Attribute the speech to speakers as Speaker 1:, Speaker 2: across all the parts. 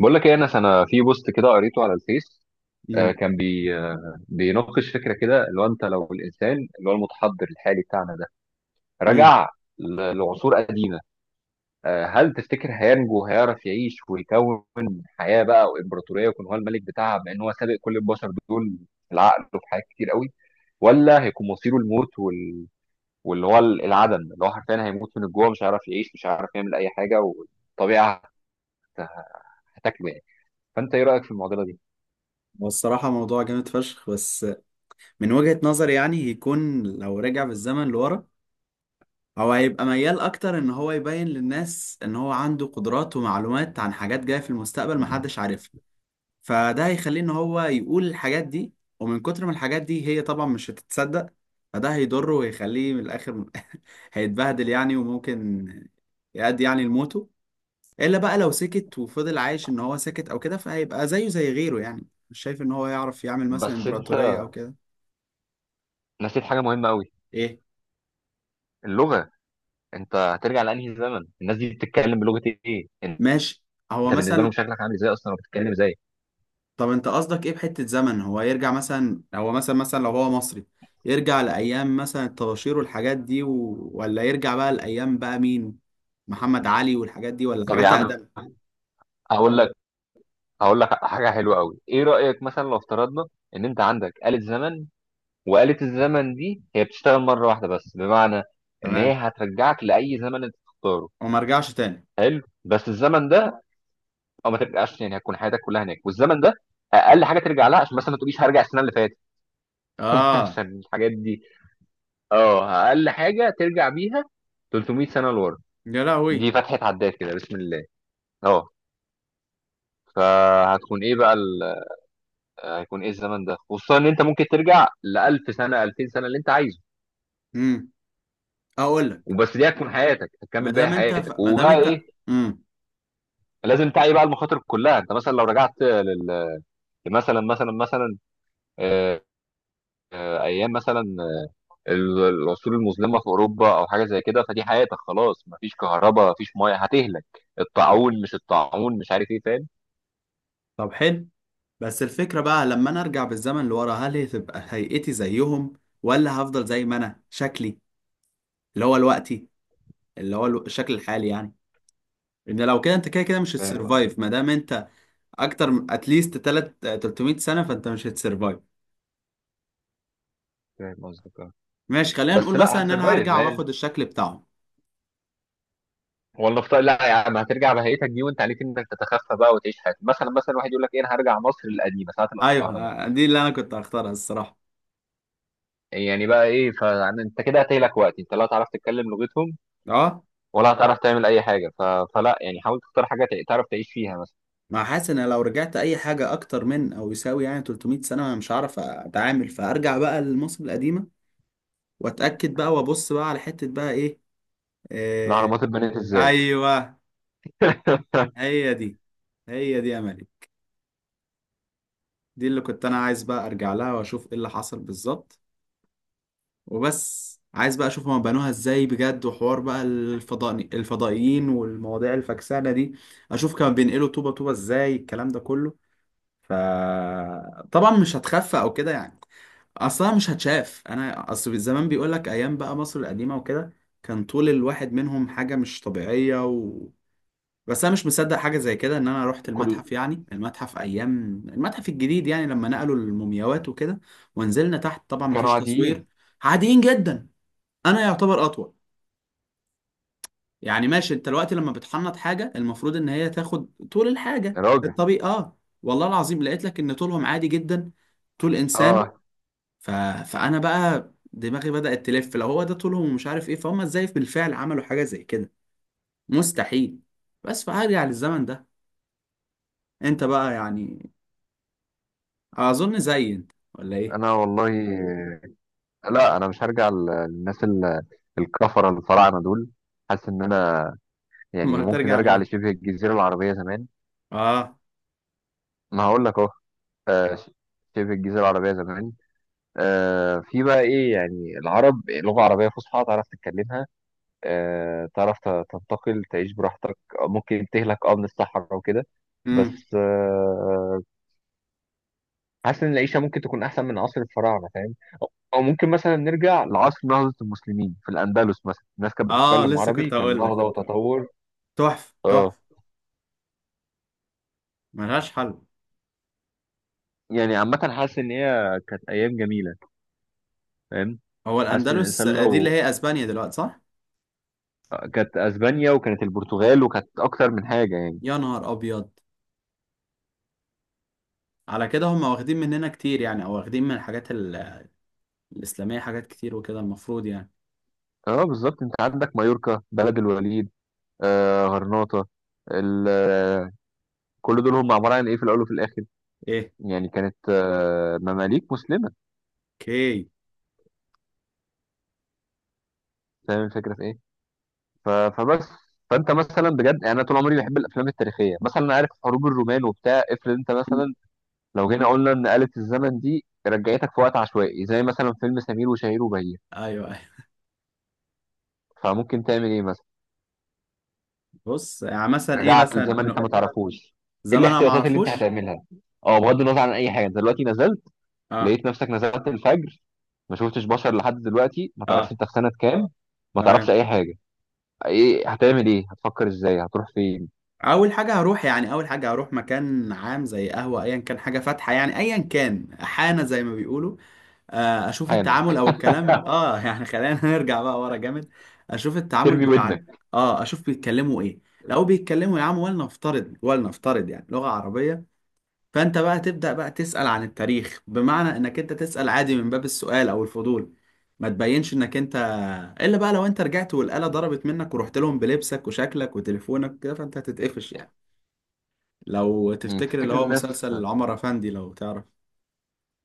Speaker 1: بقول لك ايه انا في بوست كده قريته على الفيس.
Speaker 2: امم
Speaker 1: كان بي بيناقش فكره كده، اللي هو انت لو الانسان اللي هو المتحضر الحالي بتاعنا ده
Speaker 2: امم
Speaker 1: رجع لعصور قديمه، هل تفتكر هينجو؟ هيعرف يعيش ويكون حياه بقى وامبراطوريه ويكون هو الملك بتاعها، بما ان هو سابق كل البشر دول في العقل وفي حاجات كتير قوي؟ ولا هيكون مصيره الموت واللي هو العدم، اللي هو حرفيا هيموت من الجوع، مش هيعرف يعيش، مش هيعرف يعمل اي حاجه، والطبيعه هت- هتاكله يعني. فانت ايه رايك في المعضله دي؟
Speaker 2: والصراحة موضوع جامد فشخ بس، من وجهة نظري يعني هيكون لو رجع بالزمن لورا هو هيبقى ميال أكتر إن هو يبين للناس إن هو عنده قدرات ومعلومات عن حاجات جاية في المستقبل محدش عارفها. فده هيخليه إن هو يقول الحاجات دي، ومن كتر ما الحاجات دي هي طبعا مش هتتصدق فده هيضره ويخليه من الآخر هيتبهدل يعني، وممكن يأدي يعني لموته. الا بقى لو سكت وفضل عايش ان هو ساكت او كده فهيبقى زيه زي غيره، يعني مش شايف ان هو يعرف يعمل مثلا
Speaker 1: بس انت
Speaker 2: امبراطورية او كده.
Speaker 1: نسيت حاجه مهمه قوي.
Speaker 2: ايه
Speaker 1: اللغه. انت هترجع لانهي زمن؟ الناس دي بتتكلم بلغه ايه؟ انت
Speaker 2: ماشي. هو
Speaker 1: بالنسبه لهم
Speaker 2: مثلا
Speaker 1: شكلك عامل ازاي اصلا، وبتتكلم ازاي؟
Speaker 2: طب انت قصدك ايه بحتة زمن؟ هو يرجع مثلا، هو مثلا لو هو مصري يرجع لايام مثلا الطباشير والحاجات دي ولا يرجع بقى لايام بقى مين؟ محمد علي والحاجات دي، ولا
Speaker 1: طب يا
Speaker 2: حاجات
Speaker 1: عم
Speaker 2: اقدم؟
Speaker 1: هقول لك، هقول لك حاجه حلوه قوي. ايه رايك مثلا لو افترضنا ان انت عندك آلة زمن، وآلة الزمن دي هي بتشتغل مره واحده بس؟ بمعنى ان هي
Speaker 2: تمام.
Speaker 1: هترجعك لاي زمن انت تختاره.
Speaker 2: وما رجعش تاني.
Speaker 1: حلو، بس الزمن ده، او ما ترجعش يعني هتكون حياتك كلها هناك. والزمن ده اقل حاجه ترجع لها، عشان مثلا ما تقوليش هرجع السنه اللي فاتت.
Speaker 2: اه
Speaker 1: عشان الحاجات دي. اه، اقل حاجه ترجع بيها 300 سنه لورا،
Speaker 2: يا لهوي.
Speaker 1: دي فتحه عداد كده بسم الله. اه. فهتكون ايه بقى هيكون ايه الزمن ده، خصوصا ان انت ممكن ترجع ل 1000 سنه، 2000 سنه، اللي انت عايزه؟
Speaker 2: امم اقول لك.
Speaker 1: وبس، دي هتكون حياتك، هتكمل باقي حياتك.
Speaker 2: ما دام
Speaker 1: وبقى
Speaker 2: انت.
Speaker 1: ايه،
Speaker 2: امم
Speaker 1: لازم تعي بقى المخاطر كلها. انت مثلا لو رجعت لل... مثلا مثلا مثلا آه، ايام مثلا العصور المظلمه في اوروبا او حاجه زي كده، فدي حياتك خلاص. مفيش كهرباء، مفيش ميه، هتهلك. الطاعون، مش الطاعون، مش عارف ايه.
Speaker 2: طب حلو. بس الفكرة بقى لما أنا أرجع بالزمن لورا هل هتبقى هيئتي زيهم، ولا هفضل زي ما أنا شكلي اللي هو الوقتي، اللي هو الشكل الحالي يعني. إن لو كده أنت كده كده مش
Speaker 1: فاهم،
Speaker 2: هتسرفايف ما دام أنت أكتر من أتليست 300 سنة، فأنت مش هتسرفايف.
Speaker 1: فاهم قصدك. اه.
Speaker 2: ماشي خلينا نقول
Speaker 1: بس لا
Speaker 2: مثلا إن أنا
Speaker 1: هتسرفايف
Speaker 2: هرجع
Speaker 1: مان.
Speaker 2: وآخد الشكل بتاعهم.
Speaker 1: لا يا عم، هترجع بهيئتك دي وانت عليك انك تتخفى بقى وتعيش حياتك. مثلا واحد يقول لك ايه، انا هرجع مصر القديمه ساعه
Speaker 2: أيوه.
Speaker 1: الاهرامات.
Speaker 2: دي اللي أنا كنت هختارها الصراحة.
Speaker 1: يعني بقى ايه؟ فانت كده هتهلك، وقت انت لا هتعرف تتكلم لغتهم،
Speaker 2: أه.
Speaker 1: ولا هتعرف تعمل اي حاجه. فلا يعني، حاول تختار حاجه تعرف تعيش فيها مثلا.
Speaker 2: ما حاسس إن لو رجعت أي حاجة أكتر من أو يساوي يعني 300 سنة أنا مش هعرف أتعامل، فأرجع بقى لمصر القديمة واتاكد بقى وابص بقى على حته بقى ايه.
Speaker 1: الاهرامات
Speaker 2: إيه؟
Speaker 1: اتبنت ازاي؟
Speaker 2: ايوه. هي دي. هي دي املي. دي اللي كنت انا عايز بقى ارجع لها واشوف ايه اللي حصل بالظبط، وبس عايز بقى اشوف هما بنوها ازاي بجد، وحوار بقى الفضائيين والمواضيع الفكسانه دي. اشوف كانوا بينقلوا طوبه طوبه ازاي الكلام ده كله. ف طبعا مش هتخفى او كده يعني، اصلا مش هتشاف. انا اصل زمان بيقول لك ايام بقى مصر القديمه وكده كان طول الواحد منهم حاجه مش طبيعيه، بس انا مش مصدق حاجه زي كده. ان انا رحت
Speaker 1: كل...
Speaker 2: المتحف، يعني المتحف ايام المتحف الجديد يعني، لما نقلوا المومياوات وكده، ونزلنا تحت، طبعا
Speaker 1: كانوا
Speaker 2: مفيش
Speaker 1: عاديين.
Speaker 2: تصوير، عاديين جدا. انا يعتبر اطول. يعني ماشي، انت الوقت لما بتحنط حاجه المفروض ان هي تاخد طول الحاجه
Speaker 1: يا راجل.
Speaker 2: الطبيعي، اه والله العظيم لقيت لك ان طولهم عادي جدا، طول انسان.
Speaker 1: اه.
Speaker 2: ف... فانا بقى دماغي بدأت تلف، لو هو ده طولهم، ومش عارف ايه، فهم ازاي بالفعل عملوا حاجه زي كده؟ مستحيل. بس فهرجع للزمن ده. انت بقى يعني اظن زي انت ولا ايه؟
Speaker 1: انا والله لا، انا مش هرجع للناس الكفره الفراعنه دول. حاسس ان، يعني
Speaker 2: ما
Speaker 1: ممكن
Speaker 2: ترجع
Speaker 1: ارجع
Speaker 2: لمين.
Speaker 1: لشبه الجزيره العربيه زمان.
Speaker 2: اه.
Speaker 1: ما هقول لك اهو. آه، ش- شبه الجزيره العربيه زمان، في بقى ايه، يعني العرب، لغه عربيه فصحى تعرف تتكلمها، تعرف تنتقل، تعيش براحتك، ممكن تهلك اه من الصحراء وكده.
Speaker 2: امم
Speaker 1: بس حاسس ان العيشه ممكن تكون احسن من عصر الفراعنه، فاهم. او ممكن مثلا نرجع لعصر نهضه المسلمين في الاندلس مثلا. الناس كانت
Speaker 2: اه
Speaker 1: بتتكلم
Speaker 2: لسه
Speaker 1: عربي،
Speaker 2: كنت
Speaker 1: كان
Speaker 2: هقول لك.
Speaker 1: نهضه وتطور.
Speaker 2: تحفه
Speaker 1: اه،
Speaker 2: تحفه، ملهاش حل.
Speaker 1: يعني عامه حاسس ان هي كانت ايام جميله، فاهم.
Speaker 2: هو
Speaker 1: حاسس ان الانسان
Speaker 2: الاندلس دي اللي
Speaker 1: لو،
Speaker 2: هي اسبانيا دلوقتي، صح؟
Speaker 1: كانت اسبانيا وكانت البرتغال وكانت اكتر من حاجه يعني.
Speaker 2: يا نهار ابيض. على كده هم واخدين مننا كتير يعني، او واخدين من الحاجات الاسلاميه حاجات كتير وكده، المفروض يعني.
Speaker 1: اه بالظبط، انت عندك مايوركا، بلد الوليد، آه غرناطه، ال- آه، كل دول هم عباره عن ايه في الاول وفي الاخر؟
Speaker 2: ايه.
Speaker 1: يعني كانت آه مماليك مسلمه.
Speaker 2: اوكي.
Speaker 1: فاهم الفكره في ايه. فبس. فانت مثلا بجد يعني، انا طول عمري بحب الافلام التاريخيه مثلا، انا عارف حروب الرومان وبتاع. افرض انت
Speaker 2: مم.
Speaker 1: مثلا، لو جينا قلنا ان آلة الزمن دي رجعتك في وقت عشوائي زي مثلا فيلم سمير وشهير وبهير،
Speaker 2: ايوه ايوه.
Speaker 1: فممكن تعمل ايه مثلا؟
Speaker 2: بص يعني مثلا ايه
Speaker 1: رجعت
Speaker 2: مثلا
Speaker 1: لزمن انت ما تعرفوش، ايه
Speaker 2: زمن انا ما
Speaker 1: الاحتياطات اللي انت
Speaker 2: اعرفوش.
Speaker 1: هتعملها؟ اه، بغض النظر عن اي حاجه، انت دلوقتي نزلت،
Speaker 2: اه.
Speaker 1: لقيت نفسك نزلت الفجر، ما شفتش بشر لحد دلوقتي، ما تعرفش
Speaker 2: اه.
Speaker 1: انت في سنه كام، ما تعرفش
Speaker 2: تمام.
Speaker 1: اي حاجه. ايه هتعمل؟ ايه هتفكر ازاي؟ هتروح فين؟
Speaker 2: اول حاجه هروح مكان عام زي قهوه، ايا كان حاجه فاتحه يعني، ايا كان حانه زي ما بيقولوا. اشوف
Speaker 1: حانا.
Speaker 2: التعامل او الكلام، اه يعني خلينا نرجع بقى ورا جامد. اشوف التعامل
Speaker 1: ترمي
Speaker 2: بتاع
Speaker 1: ودنك.
Speaker 2: اه اشوف بيتكلموا ايه. لو بيتكلموا يا عم ولنفترض يعني لغه عربيه، فانت بقى تبدا بقى تسال عن التاريخ، بمعنى انك انت تسال عادي من باب السؤال او الفضول، ما تبينش انك انت. الا بقى لو انت رجعت والآلة ضربت منك ورحت لهم بلبسك وشكلك وتليفونك كده فانت هتتقفش يعني. لو تفتكر اللي
Speaker 1: تفتكر
Speaker 2: هو
Speaker 1: الناس؟
Speaker 2: مسلسل عمر أفندي، لو تعرف،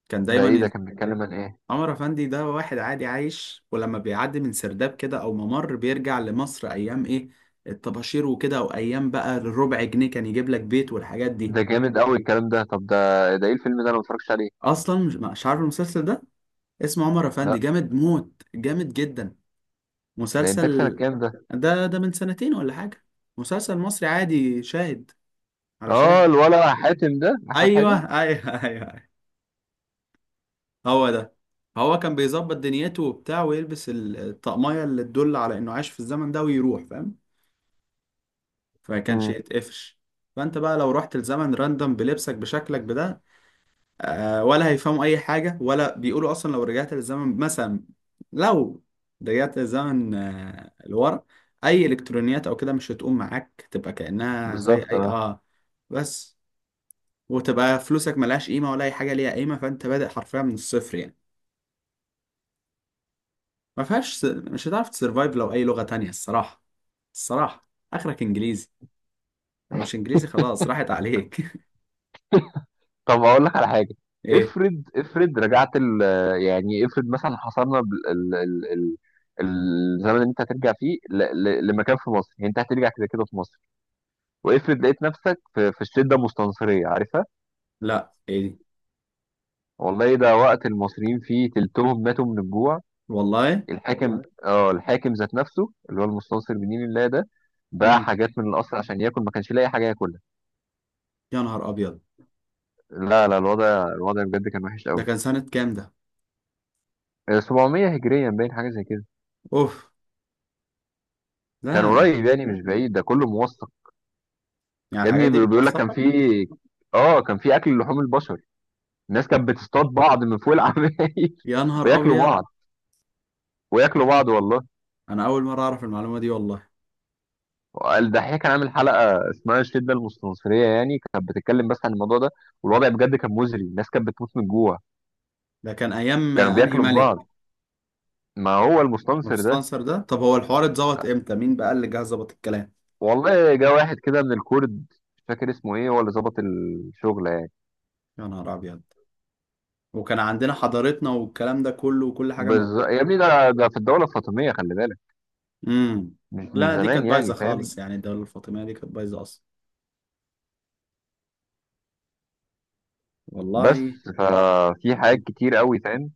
Speaker 2: كان
Speaker 1: ده ايه
Speaker 2: دايما
Speaker 1: ده؟
Speaker 2: ي...
Speaker 1: كان بيتكلم عن ايه؟
Speaker 2: عمر أفندي ده واحد عادي عايش، ولما بيعدي من سرداب كده أو ممر بيرجع لمصر أيام إيه، الطباشير وكده، وأيام بقى الربع جنيه كان يجيب لك بيت والحاجات دي.
Speaker 1: ده جامد قوي الكلام ده. طب ده ايه الفيلم ده؟ انا ما اتفرجتش عليه.
Speaker 2: أصلا مش عارف المسلسل ده؟ اسمه عمر أفندي،
Speaker 1: لا.
Speaker 2: جامد موت، جامد جدا.
Speaker 1: ده انتاج سنه
Speaker 2: مسلسل.
Speaker 1: كام ده؟
Speaker 2: ده من سنتين ولا حاجة. مسلسل مصري عادي، شاهد، على
Speaker 1: اه،
Speaker 2: شاهد.
Speaker 1: الولا حاتم ده، احمد
Speaker 2: أيوه
Speaker 1: حاتم.
Speaker 2: أيوه أيوه، هو ده. هو كان بيظبط دنيته وبتاع، ويلبس الطقمية اللي تدل على انه عاش في الزمن ده، ويروح فاهم، فما كانش
Speaker 1: امم.
Speaker 2: يتقفش. فانت بقى لو رحت الزمن راندم بلبسك بشكلك بده، ولا هيفهموا اي حاجة ولا بيقولوا اصلا. لو رجعت للزمن مثلا، لو رجعت للزمن آه لورا، اي الكترونيات او كده مش هتقوم معاك، تبقى كأنها زي
Speaker 1: بالظبط.
Speaker 2: اي
Speaker 1: اه.
Speaker 2: اه بس. وتبقى فلوسك ملهاش قيمة، ولا اي حاجة ليها قيمة، فانت بادئ حرفيا من الصفر يعني. ما فيهاش س... مش هتعرف تسرفايف لو اي لغة تانية الصراحة. الصراحة اخرك انجليزي، لو مش انجليزي خلاص راحت عليك.
Speaker 1: طب اقول لك على حاجه.
Speaker 2: ايه؟
Speaker 1: افرض رجعت ال، يعني افرض مثلا حصلنا بال- ال ال ال الزمن اللي انت هترجع فيه لمكان في مصر، يعني انت هترجع كده كده في مصر. وافرض لقيت نفسك في الشده المستنصريه، عارفها؟
Speaker 2: لا ايه دي؟
Speaker 1: والله ده وقت المصريين فيه تلتهم ماتوا من الجوع.
Speaker 2: والله.
Speaker 1: الحاكم، والله اه الحاكم ذات نفسه اللي هو المستنصر بنين الله ده، باع
Speaker 2: امم
Speaker 1: حاجات من القصر عشان ياكل، ما كانش لاقي حاجه ياكلها.
Speaker 2: يا نهار ابيض.
Speaker 1: لا لا، الوضع بجد كان وحش
Speaker 2: ده
Speaker 1: قوي.
Speaker 2: كان سنة كام ده؟
Speaker 1: 700 هجريا باين، حاجه زي كده،
Speaker 2: اوف.
Speaker 1: كان
Speaker 2: لا ده،
Speaker 1: قريب يعني مش بعيد. ده كله موثق.
Speaker 2: يعني
Speaker 1: يا
Speaker 2: الحاجات
Speaker 1: ابني
Speaker 2: دي
Speaker 1: بيقول لك كان
Speaker 2: متوثقة؟
Speaker 1: في، اه كان في اكل لحوم البشر. الناس كانت بتصطاد بعض من فوق العمايل
Speaker 2: يا نهار
Speaker 1: وياكلوا
Speaker 2: ابيض.
Speaker 1: بعض. وياكلوا بعض والله.
Speaker 2: انا اول مرة اعرف المعلومة دي والله.
Speaker 1: الدحيح كان عامل حلقه اسمها الشده المستنصريه، يعني كانت بتتكلم بس عن الموضوع ده. والوضع بجد كان مزري، الناس كانت بتموت من الجوع،
Speaker 2: ده كان ايام
Speaker 1: كانوا
Speaker 2: انهي
Speaker 1: بياكلوا في
Speaker 2: ملك؟
Speaker 1: بعض. ما هو المستنصر ده.
Speaker 2: مستنصر ده؟ طب هو الحوار اتظبط امتى؟ مين بقى اللي جه ظبط الكلام؟
Speaker 1: والله جه واحد كده من الكرد، مش فاكر اسمه ايه، هو اللي ظبط الشغل يعني.
Speaker 2: يا نهار ابيض. وكان عندنا حضارتنا والكلام ده كله، وكل حاجة موجودة.
Speaker 1: يا ابني ده في الدوله الفاطميه خلي بالك،
Speaker 2: امم
Speaker 1: مش من
Speaker 2: لا دي
Speaker 1: زمان
Speaker 2: كانت بايظه
Speaker 1: يعني، فاهم.
Speaker 2: خالص، يعني الدوله الفاطميه دي كانت بايظه اصلا.
Speaker 1: بس،
Speaker 2: والله.
Speaker 1: ففي حاجات كتير قوي فاهم،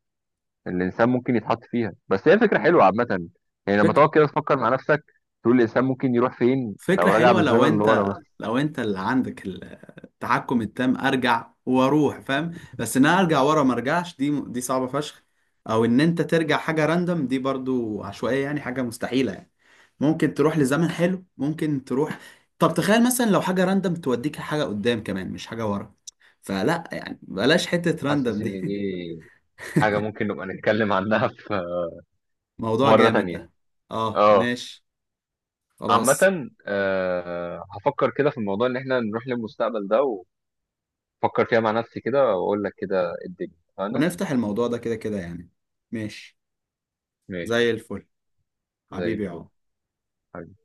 Speaker 1: الانسان ممكن يتحط فيها. بس هي فكره حلوه عامه، يعني لما
Speaker 2: فك...
Speaker 1: تقعد كده تفكر مع نفسك، تقول الانسان ممكن يروح فين لو
Speaker 2: فكره
Speaker 1: رجع
Speaker 2: حلوه، لو
Speaker 1: بالزمن لورا.
Speaker 2: انت
Speaker 1: بس.
Speaker 2: اللي عندك التحكم التام، ارجع واروح فاهم. بس ان انا ارجع ورا ما ارجعش، دي صعبه فشخ. او ان انت ترجع حاجه راندم، دي برضو عشوائيه، يعني حاجه مستحيله يعني. ممكن تروح لزمن حلو، ممكن تروح. طب تخيل مثلا لو حاجه راندم توديك حاجه قدام كمان مش حاجه ورا. فلا يعني بلاش حته
Speaker 1: حاسس
Speaker 2: راندم
Speaker 1: ان دي
Speaker 2: دي.
Speaker 1: حاجة ممكن نبقى نتكلم عنها في
Speaker 2: موضوع
Speaker 1: مرة
Speaker 2: جامد
Speaker 1: تانية.
Speaker 2: ده. اه
Speaker 1: اه.
Speaker 2: ماشي. خلاص.
Speaker 1: عامة هفكر كده في الموضوع ان احنا نروح للمستقبل ده، وفكر فيها مع نفسي كده، واقول لك كده الدنيا. انا
Speaker 2: ونفتح الموضوع ده كده كده يعني. ماشي.
Speaker 1: ماشي.
Speaker 2: زي الفل.
Speaker 1: زي
Speaker 2: حبيبي يا
Speaker 1: الفل.
Speaker 2: عمر.
Speaker 1: حبيبي.